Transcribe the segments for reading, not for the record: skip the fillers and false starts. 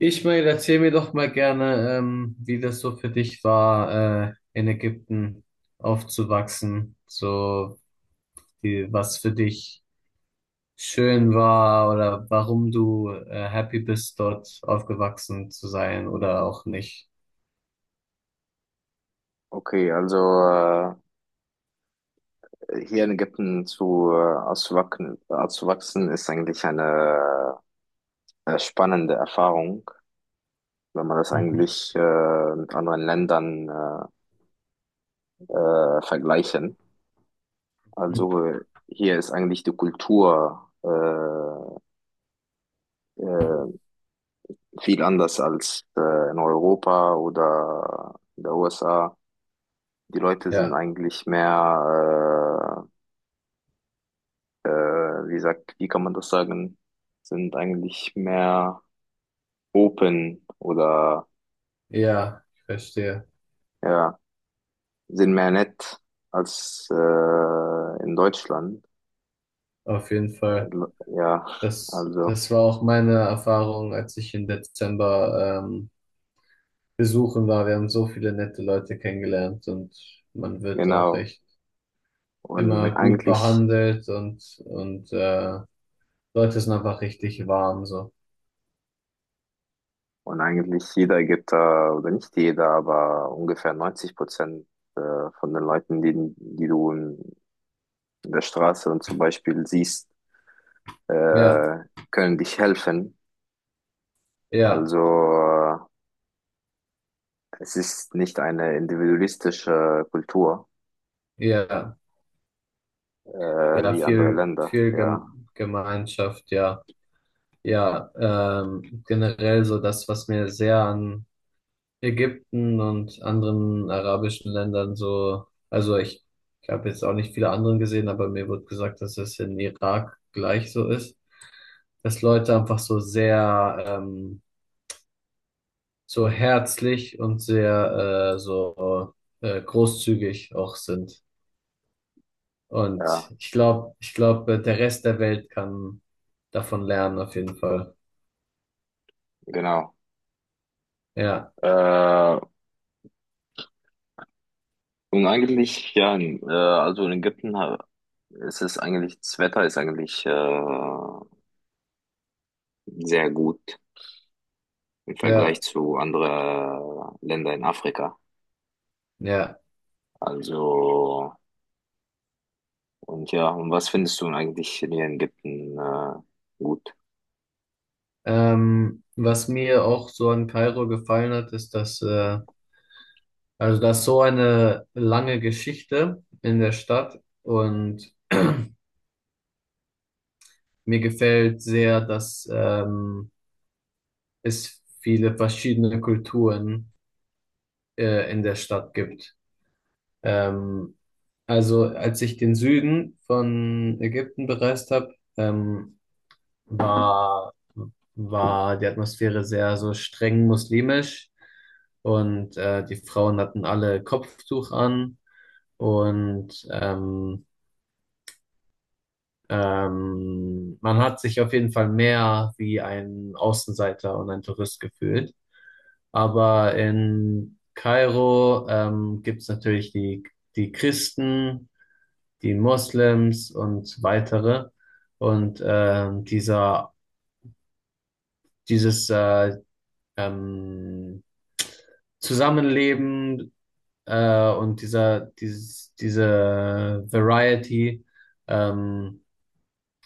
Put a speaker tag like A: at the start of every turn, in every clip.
A: Ismail, erzähl mir doch mal gerne, wie das so für dich war, in Ägypten aufzuwachsen. So, wie, was für dich schön war oder warum du, happy bist, dort aufgewachsen zu sein oder auch nicht.
B: Okay, also hier in Ägypten zu auszuwachsen ist eigentlich eine spannende Erfahrung, wenn man das
A: Mhm.
B: eigentlich mit anderen Ländern vergleichen. Also hier ist eigentlich die Kultur äh, viel anders als in Europa oder in der USA. Die Leute sind
A: Ja,
B: eigentlich mehr, wie sagt, wie kann man das sagen? Sind eigentlich mehr Open oder
A: ja, ich verstehe.
B: ja, sind mehr nett als in Deutschland.
A: Auf jeden Fall.
B: Ja,
A: Das,
B: also
A: das war auch meine Erfahrung, als ich im Dezember besuchen war. Wir haben so viele nette Leute kennengelernt und man wird auch
B: genau.
A: echt immer
B: Und
A: gut
B: eigentlich,
A: behandelt und Leute sind einfach richtig warm so.
B: und eigentlich jeder gibt da, oder nicht jeder, aber ungefähr 90% äh, von den Leuten, die du in der Straße und zum Beispiel siehst,
A: Ja,
B: äh, können dich helfen.
A: ja,
B: Also es ist nicht eine individualistische Kultur
A: ja,
B: äh,
A: ja,
B: wie andere
A: viel,
B: Länder,
A: viel
B: ja.
A: Gemeinschaft, ja. Ja, generell so das, was mir sehr an Ägypten und anderen arabischen Ländern so, also ich habe jetzt auch nicht viele anderen gesehen, aber mir wird gesagt, dass es in Irak gleich so ist, dass Leute einfach so sehr so herzlich und sehr so großzügig auch sind. Und
B: Ja,
A: ich glaube, der Rest der Welt kann davon lernen, auf jeden Fall.
B: genau.
A: Ja,
B: Äh, und eigentlich, ja, also in ist es eigentlich, das Wetter ist eigentlich sehr gut im Vergleich
A: ja,
B: zu anderen Ländern in Afrika.
A: ja.
B: Also, und ja, und was findest du denn eigentlich hier in Ägypten gut?
A: Was mir auch so an Kairo gefallen hat, ist, dass, also da ist so eine lange Geschichte in der Stadt und mir gefällt sehr, dass es viele verschiedene Kulturen in der Stadt gibt. Ähm, also als ich den Süden von Ägypten bereist habe, war, war die Atmosphäre sehr so streng muslimisch und die Frauen hatten alle Kopftuch an und man hat sich auf jeden Fall mehr wie ein Außenseiter und ein Tourist gefühlt. Aber in Kairo gibt es natürlich die Christen, die Moslems und weitere. Und dieser, dieses ähm, Zusammenleben und diese Variety ähm,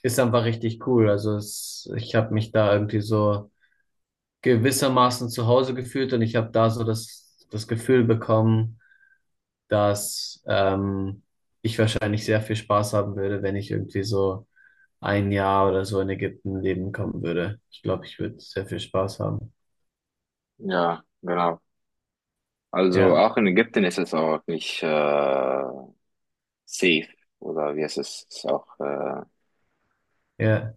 A: ist einfach richtig cool. Also ich habe mich da irgendwie so gewissermaßen zu Hause gefühlt und ich habe da so das Gefühl bekommen, dass ich wahrscheinlich sehr viel Spaß haben würde, wenn ich irgendwie so ein Jahr oder so in Ägypten leben kommen würde. Ich glaube, ich würde sehr viel Spaß haben.
B: Ja, genau. Also
A: Ja,
B: auch in Ägypten ist es auch nicht Safe oder wie heißt es? Ist auch,
A: ja,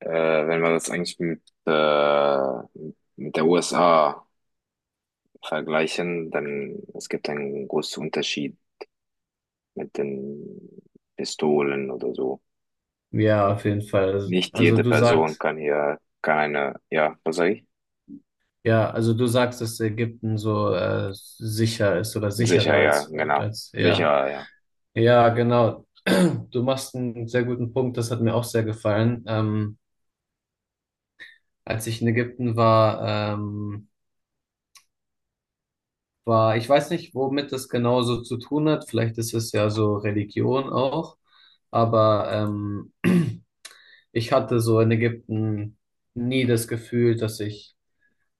B: wenn wir das eigentlich mit der USA vergleichen, dann es gibt einen großen Unterschied mit den Pistolen oder so.
A: ja, auf jeden Fall. Also,
B: Nicht
A: also
B: jede
A: du
B: Person
A: sagst,
B: kann hier, kann eine, ja, was sag ich?
A: ja, also du sagst, dass Ägypten so sicher ist oder sicherer
B: Sicher, ja,
A: als,
B: genau.
A: als, ja.
B: Sicher, ja.
A: Ja, genau. Du machst einen sehr guten Punkt, das hat mir auch sehr gefallen. Als ich in Ägypten war, ich weiß nicht, womit das genau so zu tun hat. Vielleicht ist es ja so Religion auch. Aber ich hatte so in Ägypten nie das Gefühl,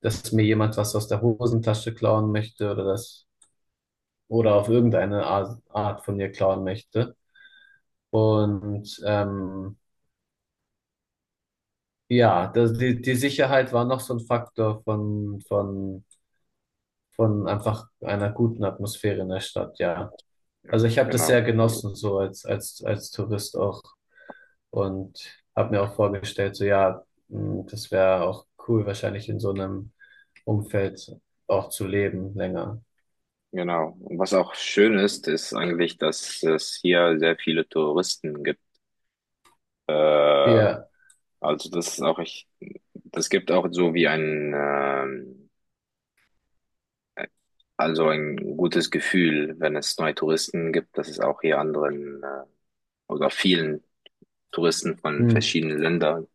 A: dass mir jemand was aus der Hosentasche klauen möchte oder das oder auf irgendeine Art von mir klauen möchte. Und ja, das, die Sicherheit war noch so ein Faktor von einfach einer guten Atmosphäre in der Stadt, ja.
B: Ja,
A: Also ich habe das sehr
B: genau. Also,
A: genossen, so als Tourist auch. Und habe mir auch vorgestellt, so ja, mh, das wäre auch cool, wahrscheinlich in so einem Umfeld auch zu leben länger.
B: genau. Und was auch schön ist, ist eigentlich, dass es hier sehr viele Touristen gibt. Äh,
A: Ja,
B: also das ist auch echt. Es gibt auch so wie ein, also ein gutes Gefühl, wenn es neue Touristen gibt, dass es auch hier anderen oder vielen Touristen von
A: mh,
B: verschiedenen Ländern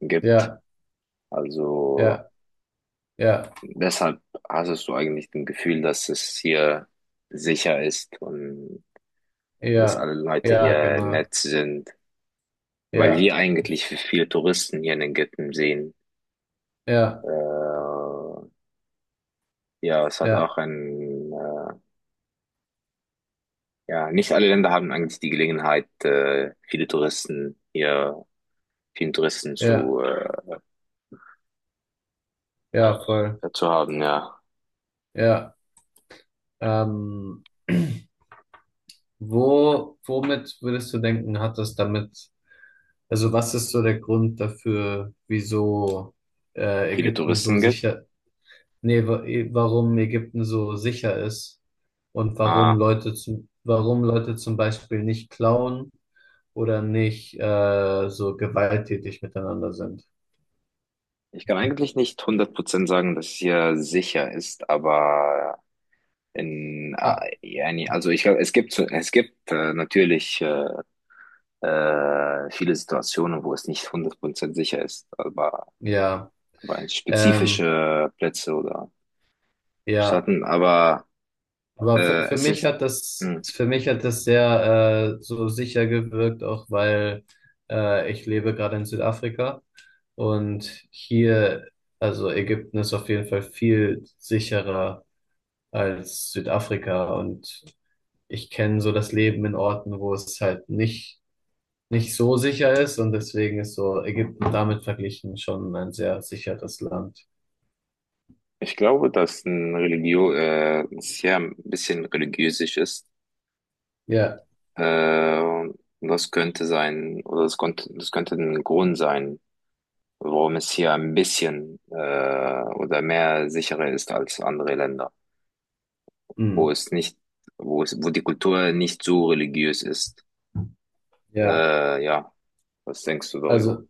B: gibt.
A: ja,
B: Also
A: ja, ja,
B: deshalb hast du eigentlich das Gefühl, dass es hier sicher ist und dass
A: ja,
B: alle Leute
A: ja,
B: hier
A: genau.
B: nett sind, weil wir
A: Ja,
B: eigentlich viele Touristen hier in den Ghetten sehen.
A: ja,
B: Äh, ja, es hat
A: ja,
B: auch ein ja, nicht alle Länder haben eigentlich die Gelegenheit, viele Touristen hier, vielen Touristen
A: ja, ja, voll.
B: zu haben, ja.
A: Ja. Ähm, womit würdest du denken, hat das damit. Also was ist so der Grund dafür, wieso
B: Viele
A: Ägypten so
B: Touristen gibt.
A: sicher, nee, wa- eh, warum Ägypten so sicher ist und warum
B: Ah,
A: Warum Leute zum Beispiel nicht klauen oder nicht so gewalttätig miteinander sind?
B: ich kann eigentlich nicht 100% sagen, dass es hier sicher ist, aber
A: Ah,
B: also ich glaube, es gibt natürlich viele Situationen, wo es nicht 100% sicher ist,
A: ja,
B: aber in
A: ähm,
B: spezifische Plätze oder
A: ja.
B: Staaten, aber
A: Aber
B: es ist, hm,
A: für mich hat das sehr so sicher gewirkt, auch weil ich lebe gerade in Südafrika. Und hier, also Ägypten ist auf jeden Fall viel sicherer als Südafrika. Und ich kenne so das Leben in Orten, wo es halt nicht so sicher ist. Und deswegen ist so Ägypten damit verglichen schon ein sehr sicheres Land.
B: ich glaube, dass ein es ja ein bisschen religiösisch ist.
A: Ja,
B: Und das könnte sein, oder das könnte ein Grund sein, warum es hier ein bisschen oder mehr sicherer ist als andere Länder, wo
A: hm,
B: es nicht, wo es, wo die Kultur nicht so religiös ist.
A: ja.
B: Ja, was denkst du darüber?
A: Also,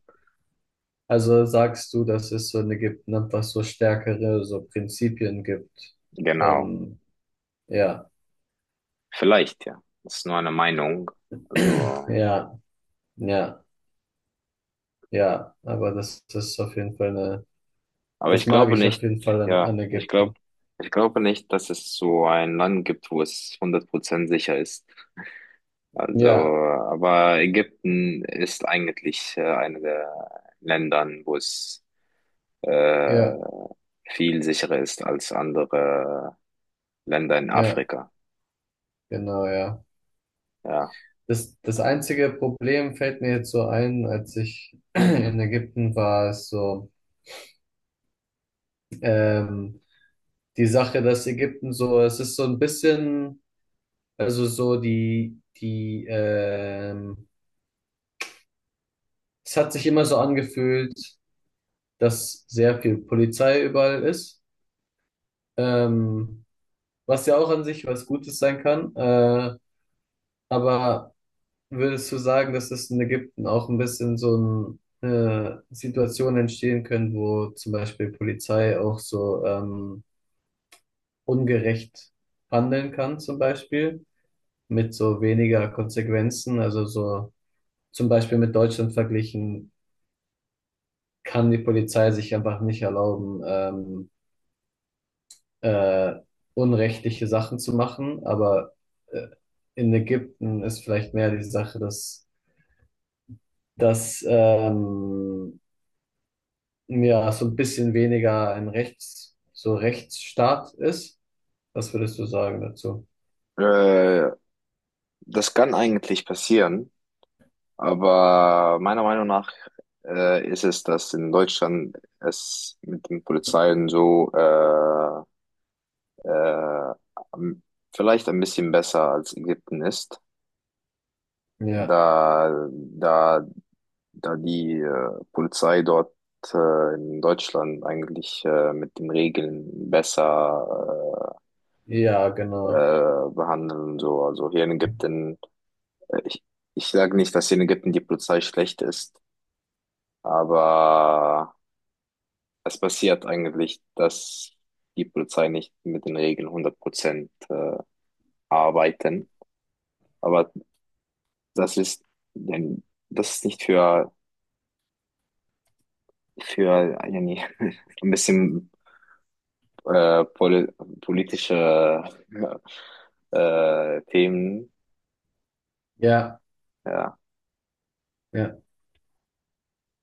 A: also sagst du, dass es so in Ägypten einfach so stärkere so Prinzipien gibt
B: Genau.
A: von, ja,
B: Vielleicht, ja. Das ist nur eine Meinung. Also.
A: ja, ja, ja. Aber das ist auf jeden Fall eine.
B: Aber
A: Das
B: ich
A: mag
B: glaube
A: ich auf
B: nicht,
A: jeden Fall an,
B: ja,
A: an Ägypten.
B: ich glaube nicht, dass es so ein Land gibt, wo es 100% sicher ist. Also,
A: Ja,
B: aber Ägypten ist eigentlich eine der Ländern, wo es äh,
A: ja,
B: viel sicherer ist als andere Länder in
A: ja,
B: Afrika.
A: genau, ja.
B: Ja.
A: Das einzige Problem fällt mir jetzt so ein, als ich in Ägypten war, ist so, ähm, die Sache, dass Ägypten so, es ist so ein bisschen, also so es hat sich immer so angefühlt, dass sehr viel Polizei überall ist, ähm, was ja auch an sich was Gutes sein kann, aber würdest du sagen, dass es in Ägypten auch ein bisschen so Situationen entstehen können, wo zum Beispiel Polizei auch so ungerecht handeln kann, zum Beispiel mit so weniger Konsequenzen? Also so zum Beispiel mit Deutschland verglichen, kann die Polizei sich einfach nicht erlauben, äh, unrechtliche Sachen zu machen, aber äh, in Ägypten ist vielleicht mehr die Sache, dass ja, so ein bisschen weniger ein Rechts, so Rechtsstaat ist. Was würdest du sagen dazu?
B: Äh, das kann eigentlich passieren, aber meiner Meinung nach ist es, dass in Deutschland es mit den Polizeien äh, am- vielleicht ein bisschen besser als Ägypten ist,
A: Ja,
B: da, da, da die Polizei dort in Deutschland eigentlich mit den Regeln besser
A: ja, genau.
B: behandeln und so. Also hier in Ägypten, äh, ich, ich sage nicht, dass hier in Ägypten die Polizei schlecht ist, aber es passiert eigentlich, dass die Polizei nicht mit den Regeln 100% arbeiten. Aber das ist, denn das ist nicht für, für yani, ein bisschen äh, pol politische Themen.
A: Ja.
B: Ja,
A: ja.